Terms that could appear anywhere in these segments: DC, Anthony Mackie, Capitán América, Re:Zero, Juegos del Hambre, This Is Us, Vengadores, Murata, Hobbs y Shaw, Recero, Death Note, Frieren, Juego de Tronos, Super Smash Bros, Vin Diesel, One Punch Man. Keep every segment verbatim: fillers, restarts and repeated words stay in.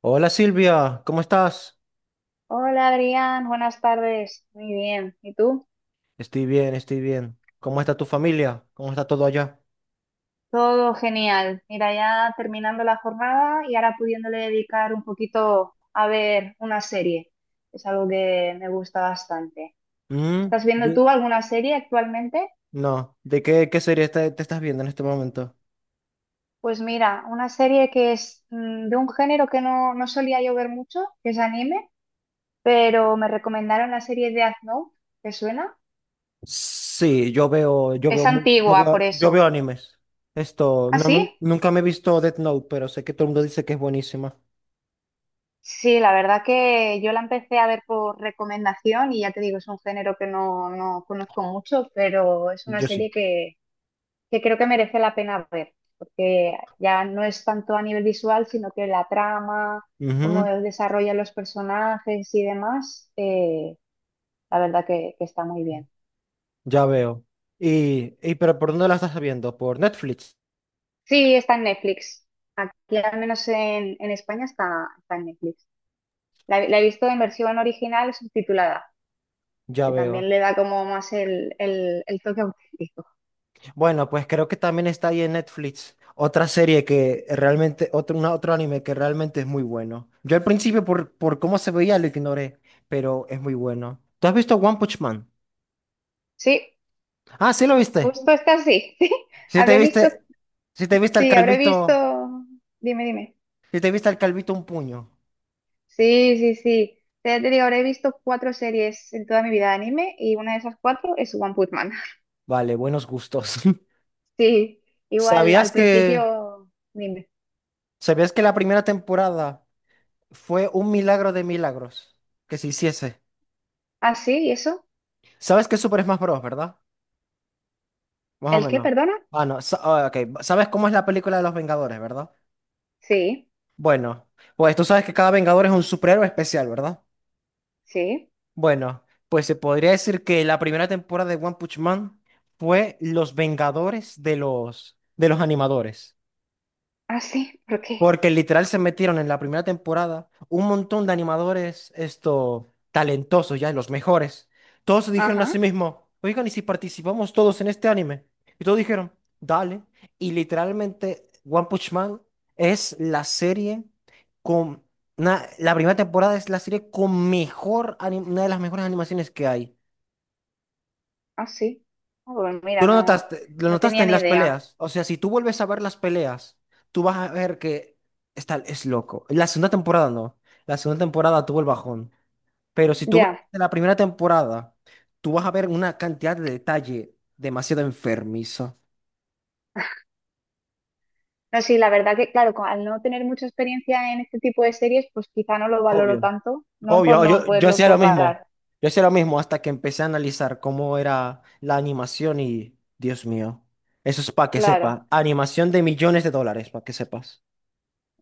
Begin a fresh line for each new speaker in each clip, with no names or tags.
Hola Silvia, ¿cómo estás?
Hola Adrián, buenas tardes. Muy bien. ¿Y tú?
Estoy bien, estoy bien. ¿Cómo está tu familia? ¿Cómo está todo allá?
Todo genial. Mira, ya terminando la jornada y ahora pudiéndole dedicar un poquito a ver una serie. Es algo que me gusta bastante.
Mm,
¿Estás viendo
de-
tú alguna serie actualmente?
No, ¿de qué, qué serie está- te estás viendo en este momento?
Pues mira, una serie que es mm, de un género que no, no solía yo ver mucho, que es anime, pero me recomendaron la serie de Death Note. ¿Te suena?
Sí, yo veo, yo veo,
Es
mu- yo
antigua, por
veo, yo veo
eso.
animes. Esto,
¿Ah,
no, nu-
sí?
nunca me he visto Death Note, pero sé que todo el mundo dice que es buenísima.
Sí, la verdad que yo la empecé a ver por recomendación y ya te digo, es un género que no, no conozco mucho, pero es una
Yo
serie
sí.
que, que creo que merece la pena ver, porque ya no es tanto a nivel visual, sino que la trama, cómo
Ujú,
desarrollan los personajes y demás, eh, la verdad que, que está muy bien.
ya veo. Y, y, pero ¿por dónde la estás viendo? ¿Por Netflix?
Sí, está en Netflix. Aquí, al menos en, en España, está, está en Netflix. La, la he visto en versión original subtitulada,
Ya
que también
veo.
le da como más el, el- el toque auténtico.
Bueno, pues creo que también está ahí en Netflix otra serie que realmente, otro, una- otro anime que realmente es muy bueno. Yo al principio por, por cómo se veía lo ignoré, pero es muy bueno. ¿Tú has visto One Punch Man?
Sí,
Ah, sí lo viste.
justo está así. Sí,
Sí te
habré visto,
viste, sí te viste al
sí, habré visto,
calvito,
dime, dime.
sí te viste al calvito un puño.
Sí, sí, sí. Ya te digo, habré visto cuatro series en toda mi vida de anime y una de esas cuatro es One Punch Man.
Vale, buenos gustos.
Sí, igual al
¿Sabías que,
principio, dime.
sabías que la primera temporada fue un milagro de milagros que se hiciese?
Ah, sí, ¿y eso?
¿Sabes qué es Super Smash Bros, verdad? Más o
¿El qué,
menos.
perdona?
Ah, no. Sa- ah, ok. ¿Sabes cómo es la película de los Vengadores, verdad?
Sí,
Bueno, pues tú sabes que cada Vengador es un superhéroe especial, ¿verdad?
sí.
Bueno, pues se podría decir que la primera temporada de One Punch Man fue los Vengadores de los, de los animadores.
Ah, sí, ¿por qué?
Porque literal se metieron en la primera temporada un montón de animadores, esto, talentosos ya, los mejores. Todos se dijeron a sí
Ajá,
mismos, oigan, ¿y si participamos todos en este anime? Y todos dijeron, dale. Y literalmente One Punch Man es la serie con... na- la primera temporada es la serie con mejor, ani- una de las mejores animaciones que hay.
ah, sí. Ah, pues
Tú
mira,
lo
no,
notaste, lo
no
notaste
tenía
en
ni
las
idea.
peleas. O sea, si tú vuelves a ver las peleas, tú vas a ver que está, es loco. La segunda temporada no. La segunda temporada tuvo el bajón. Pero si tú ves
Ya.
la primera temporada, tú vas a ver una cantidad de detalle demasiado enfermizo.
No, sí, la verdad que, claro, co- al no tener mucha experiencia en este tipo de series, pues quizá no lo valoro
Obvio.
tanto, ¿no? Por
Obvio,
no
yo, yo
poderlo
hacía lo mismo.
comparar.
Yo hacía lo mismo hasta que empecé a analizar cómo era la animación y, Dios mío, eso es para que
Claro,
sepas. Animación de millones de dólares, para que sepas.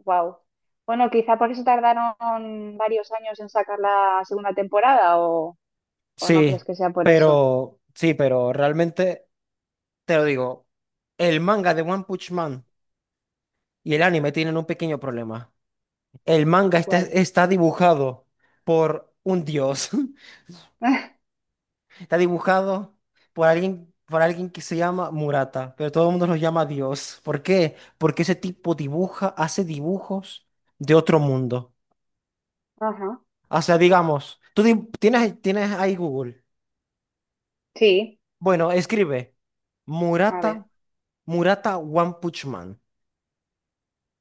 wow. Bueno, quizá por eso tardaron varios años en sacar la segunda temporada, o, o no
Sí,
crees que sea por eso.
pero sí, pero realmente te lo digo, el manga de One Punch Man y el anime tienen un pequeño problema. El manga está,
¿Cuál?
está dibujado por un dios, está dibujado por alguien, por alguien que se llama Murata, pero todo el mundo lo llama Dios. ¿Por qué? Porque ese tipo dibuja, hace dibujos de otro mundo.
Ajá.
O sea, digamos, tú di- tienes, tienes ahí Google.
Sí,
Bueno, escribe
a ver.
Murata, Murata One Punch Man.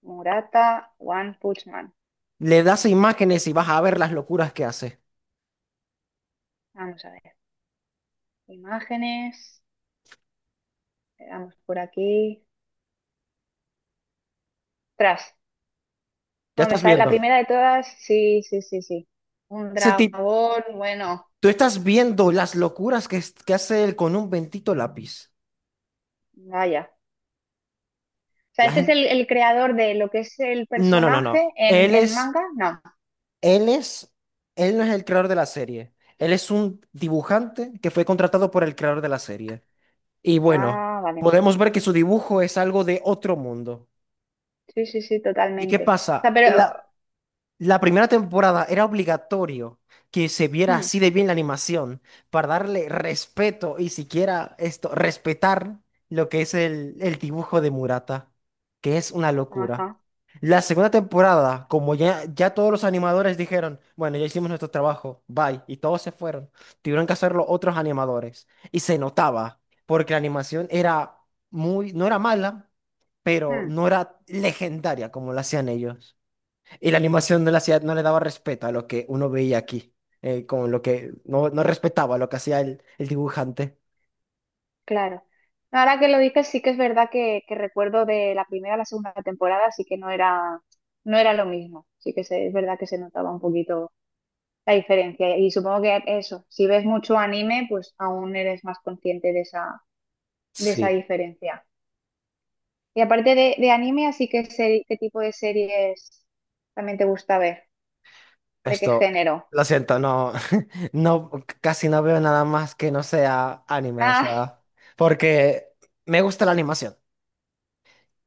Murata, One Punch Man.
Le das imágenes y vas a ver las locuras que hace.
Vamos a ver. Imágenes. Le damos por aquí. Tras.
Ya
Bueno, me
estás
sale la
viendo.
primera de todas. Sí, sí, sí, sí. Un
Ese tipo,
dragón, bueno.
tú estás viendo las locuras que, es- que hace él con un bendito lápiz.
Vaya. O sea,
La
este es
gente,
el, el creador de lo que es el
no, no, no, no.
personaje en,
Él
en
es,
manga. No.
él es, él no es el creador de la serie. Él es un dibujante que fue contratado por el creador de la serie. Y bueno,
Ah, vale.
podemos ver que su dibujo es algo de otro mundo.
Sí, sí, sí,
¿Y qué
totalmente. O sea,
pasa?
pero...
La primera temporada era obligatorio que se viera
hmm,
así de bien la animación para darle respeto y siquiera esto, respetar lo que es el, el dibujo de Murata, que es una locura.
ajá.
La segunda temporada, como ya, ya todos los animadores dijeron, bueno, ya hicimos nuestro trabajo, bye, y todos se fueron, tuvieron que hacerlo otros animadores. Y se notaba, porque la animación era muy, no era mala, pero
Hmm,
no era legendaria como la hacían ellos. Y la animación de la ciudad no le daba respeto a lo que uno veía aquí, eh, con lo que no, no respetaba lo que hacía el, el dibujante.
claro. No, ahora que lo dices, sí que es verdad que, que recuerdo de la primera a la segunda temporada, así que no era, no era lo mismo. Sí que se- es verdad que se notaba un poquito la diferencia. Y supongo que eso, si ves mucho anime, pues aún eres más consciente de esa, de esa
Sí,
diferencia. Y aparte de, de anime, así que seri- ¿qué tipo de series también te gusta ver? ¿De qué
esto,
género?
lo siento, no, no, c- casi no veo nada más que no sea anime, o
Ah,
sea, porque me gusta la animación.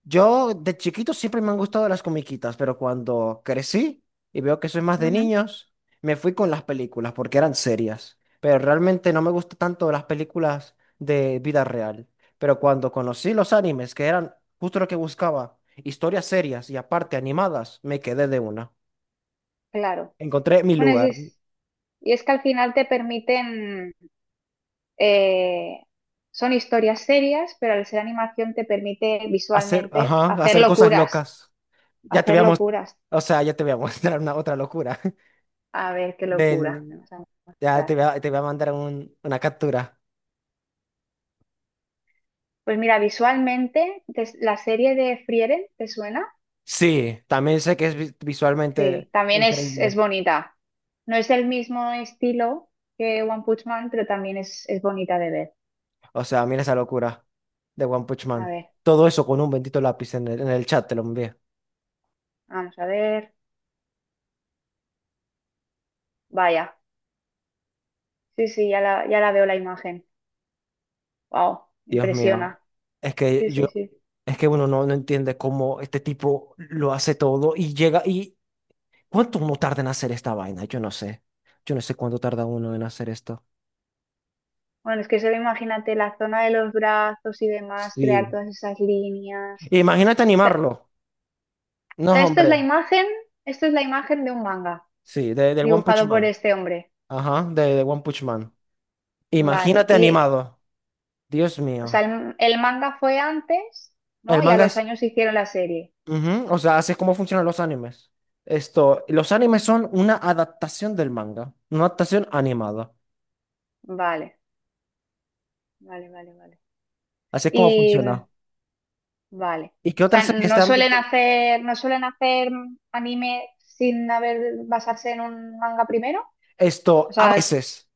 Yo de chiquito siempre me han gustado las comiquitas, pero cuando crecí y veo que soy más de
ujú,
niños, me fui con las películas porque eran serias. Pero realmente no me gustan tanto las películas de vida real. Pero cuando conocí los animes, que eran justo lo que buscaba, historias serias y aparte animadas, me quedé de una.
claro.
Encontré mi
Bueno,
lugar.
es- es- y es que al final te permiten, eh, son historias serias, pero al ser animación te permite
Hacer,
visualmente
ajá,
hacer
hacer cosas
locuras,
locas. Ya te
hacer
voy a mostrar,
locuras.
o sea, ya te voy a mostrar una otra locura.
A ver qué locura me
Del,
vas a
ya te
mostrar.
voy a, te voy a mandar un- una captura.
Pues mira, visualmente, te- la serie de Frieren, ¿te suena?
Sí, también sé que es vi- visualmente
Sí, también es,
increíble.
es bonita. No es el mismo estilo que One Punch Man, pero también es, es bonita de ver.
O sea, mira esa locura de One Punch
A
Man.
ver,
Todo eso con un bendito lápiz en el, en el chat te lo envié.
vamos a ver. Vaya. Sí, sí, ya la, ya la veo la imagen. Wow,
Dios mío.
impresiona.
Es
Sí,
que
sí,
yo,
sí.
es que uno no, no entiende cómo este tipo lo hace todo y llega y ¿cuánto uno tarda en hacer esta vaina? Yo no sé. Yo no sé cuánto tarda uno en hacer esto.
Bueno, es que solo imagínate la zona de los brazos y demás, crear
Sí.
todas esas líneas.
Imagínate
O sea,
animarlo.
o
No,
sea, esta es la
hombre.
imagen, esto es la imagen de un manga
Sí, de, del One Punch
dibujado por
Man.
este hombre.
Ajá, de, de One Punch Man.
Vale.
Imagínate
Y,
animado. Dios
o sea,
mío.
el, el manga fue antes,
El
¿no? Y a
manga
los
es.
años hicieron la serie.
Ujú, o sea, así es como funcionan los animes. Esto, los animes son una adaptación del manga, una adaptación animada.
Vale, vale, vale, vale.
Así es como
Y
funciona.
mm, vale.
¿Y qué
O sea,
otras series
no
están?
suelen hacer, no suelen hacer anime sin haber basarse en un manga primero.
Esto,
O
a
sea,
veces,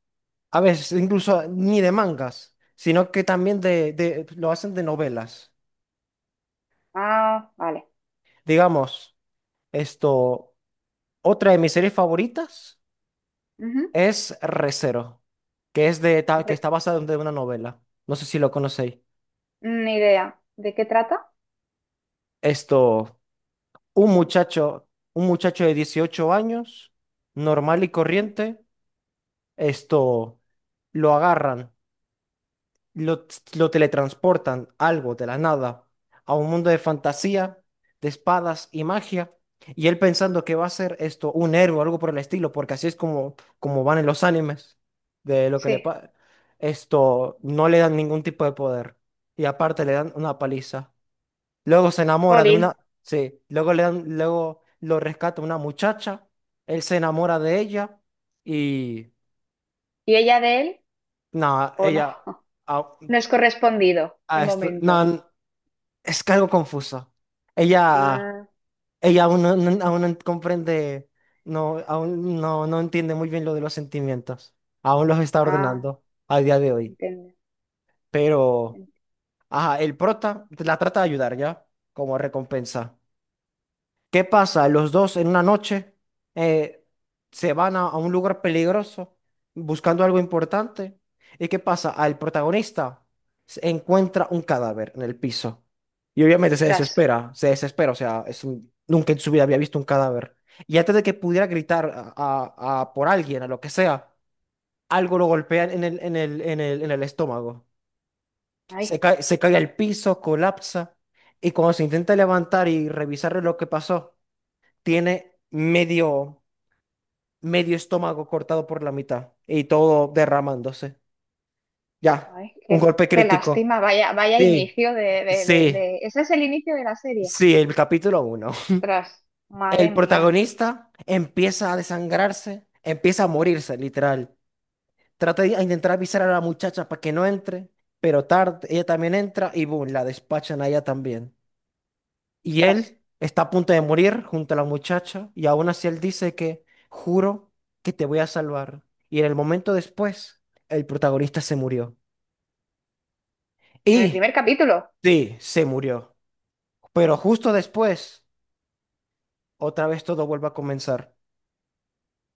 a veces, incluso ni de mangas, sino que también de, de- lo hacen de novelas.
ah, vale.
Digamos, esto, otra de mis series favoritas
Ujú.
es Re:Zero, que es de, ta- que
Re-
está basada en de una novela. No sé si lo conocéis.
Ni idea. ¿De qué trata?
Esto. Un muchacho, un muchacho de dieciocho años, normal y
Sí.
corriente, esto lo agarran, lo, lo teletransportan, algo de la nada, a un mundo de fantasía, de espadas y magia, y él pensando que va a ser esto un héroe o algo por el estilo, porque así es como, como van en los animes, de lo que le
Sí.
pasa. Esto no le dan ningún tipo de poder, y aparte le dan una paliza. Luego se enamora de
Jolín.
una, sí, luego le dan- luego lo rescata una muchacha, él se enamora de ella y
¿Y ella de él?
nada,
¿O no?
ella a-
No es correspondido de
a esto- nah,
momento.
n- es que algo confuso. Ella
Ah,
ella aún no, no- aún no comprende, no aún no no entiende muy bien lo de los sentimientos. Aún los está
ah,
ordenando a día de hoy,
entiendo.
pero
Ent-
ajá, el prota la trata de ayudar ya como recompensa. ¿Qué pasa? Los dos en una noche eh, se van a, a un lugar peligroso buscando algo importante. ¿Y qué pasa? Al protagonista se encuentra un cadáver en el piso. Y obviamente se
Ostras.
desespera, se desespera, o sea, es un- nunca en su vida había visto un cadáver. Y antes de que pudiera gritar a, a- a por alguien, a lo que sea, algo lo golpea en el, en el, en el, en el estómago. Se
Ay.
cae, se cae al piso, colapsa. Y cuando se intenta levantar y revisar lo que pasó, tiene medio, medio estómago cortado por la mitad y todo derramándose. Ya,
Ay,
un
qué,
golpe
qué
crítico.
lástima, vaya, vaya
Sí,
inicio de, de, de,
sí,
de- ese es el inicio de la serie.
sí, el capítulo uno.
Ostras,
El
madre mía,
protagonista empieza a desangrarse, empieza a morirse, literal. Trata de a intentar avisar a la muchacha para que no entre, pero tarde, ella también entra y boom, la despachan a ella también. Y
ostras,
él está a punto de morir junto a la muchacha y aún así él dice que juro que te voy a salvar. Y en el momento después, el protagonista se murió.
en el
Y
primer capítulo,
sí, se murió. Pero justo después, otra vez todo vuelve a comenzar.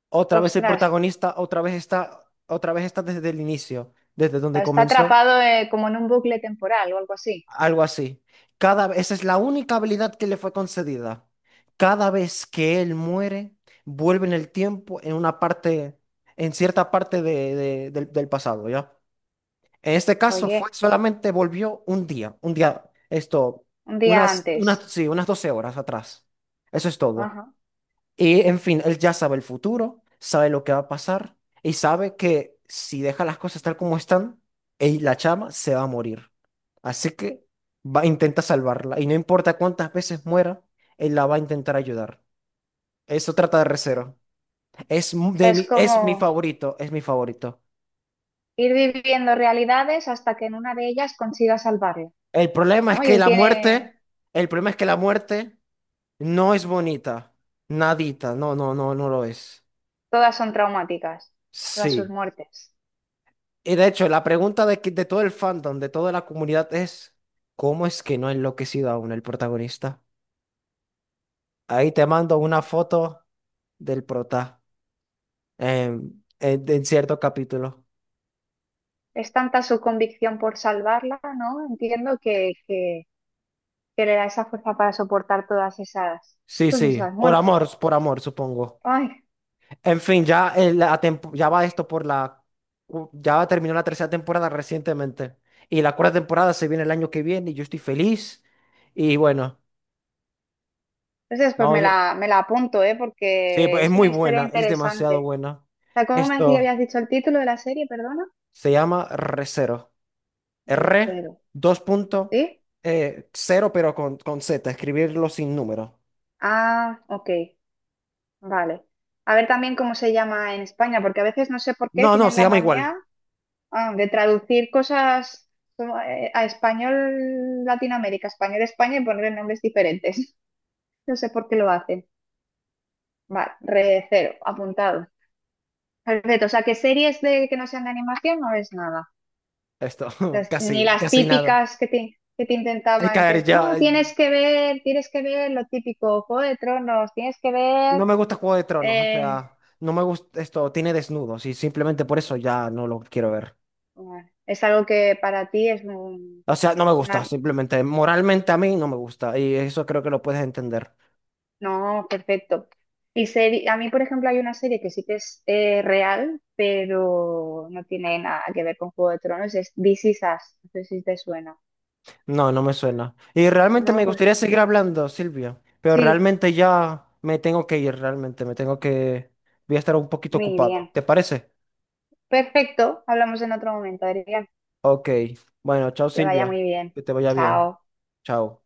Otra vez el
ostras,
protagonista, otra vez está, otra vez está desde el inicio, desde
o
donde
sea, está
comenzó.
atrapado eh, como en un bucle temporal o algo así.
Algo así. Cada, esa es la única habilidad que le fue concedida. Cada vez que él muere, vuelve en el tiempo en una parte, en cierta parte de- de- del, del pasado, ¿ya? En este caso fue
Oye,
solamente volvió un día, un día, esto,
un día
unas, unas,
antes.
sí, unas doce horas atrás. Eso es todo.
Ajá.
Y en fin, él ya sabe el futuro, sabe lo que va a pasar y sabe que si deja las cosas tal como están, él, la chama se va a morir. Así que va, intenta salvarla y no importa cuántas veces muera, él la va a intentar ayudar. Eso trata de
O sea,
Re:Zero. Es, mu-
o sea,
de
es
mi, es mi
como
favorito, es mi favorito.
ir viviendo realidades hasta que en una de ellas consiga salvarlo,
El problema es
¿no? Y
que
él
la
tiene,
muerte, el problema es que la muerte no es bonita. Nadita, no, no, no, no lo es.
todas son traumáticas, todas sus
Sí.
muertes.
Y de hecho, la pregunta de, que- de todo el fandom, de toda la comunidad es, ¿cómo es que no ha enloquecido aún el protagonista? Ahí te mando una foto del prota em, en, en cierto capítulo.
Es tanta su convicción por salvarla, ¿no? Entiendo que, que que le da esa fuerza para soportar todas esas,
Sí,
pues
sí,
esas
por amor,
muertes.
por amor, supongo.
Ay,
En fin, ya, el- la tempo- ya va esto por la. u- Ya terminó la tercera temporada recientemente. Y la cuarta temporada se viene el año que viene y yo estoy feliz. Y bueno,
entonces pues
no,
me
no-
la, me la apunto, ¿eh?
sí,
Porque
pues, es
es
muy
una historia
buena, es demasiado
interesante.
buena.
O sea, ¿cómo me decía-
Esto...
habías dicho el título de la serie, perdona?
Se llama Re:Zero. R,
Recero,
dos punto,
¿sí?
eh, cero, pero con, con Z, escribirlo sin número.
Ah, ok, vale. A ver también cómo se llama en España, porque a veces no sé por qué
No, no,
tienen
se
la
llama igual.
manía ah, de traducir cosas como, eh, a español Latinoamérica, español España y ponerle nombres diferentes. No sé por qué lo hacen. Vale, recero, apuntado. Perfecto, o sea, que series de que no sean de animación no ves nada.
Esto,
Las- ni
casi,
las
casi nada.
típicas que te, que te
Es
intentaban
caer
meter.
ya.
No, tienes que ver, tienes que ver lo típico, Juego de Tronos, tienes que ver.
No me gusta Juego de Tronos, o
Eh,
sea, no me gusta esto, tiene desnudos y simplemente por eso ya no lo quiero ver.
bueno, es algo que para ti es un-
O sea, no me gusta,
una-
simplemente moralmente a mí no me gusta y eso creo que lo puedes entender.
No, perfecto. Y seri- a mí, por ejemplo, hay una serie que sí que es eh, real, pero no tiene nada que ver con Juego de Tronos, es This Is Us. No sé si te suena.
No, no me suena. Y realmente
No,
me gustaría
pues
seguir hablando, Silvia, pero
sí,
realmente ya me tengo que ir, realmente me tengo que. Voy a estar un poquito
muy
ocupado.
bien.
¿Te parece?
Perfecto, hablamos en otro momento, Adrián.
Ok. Bueno, chao,
Que vaya
Silvia.
muy bien.
Que te vaya bien.
Chao.
Chao.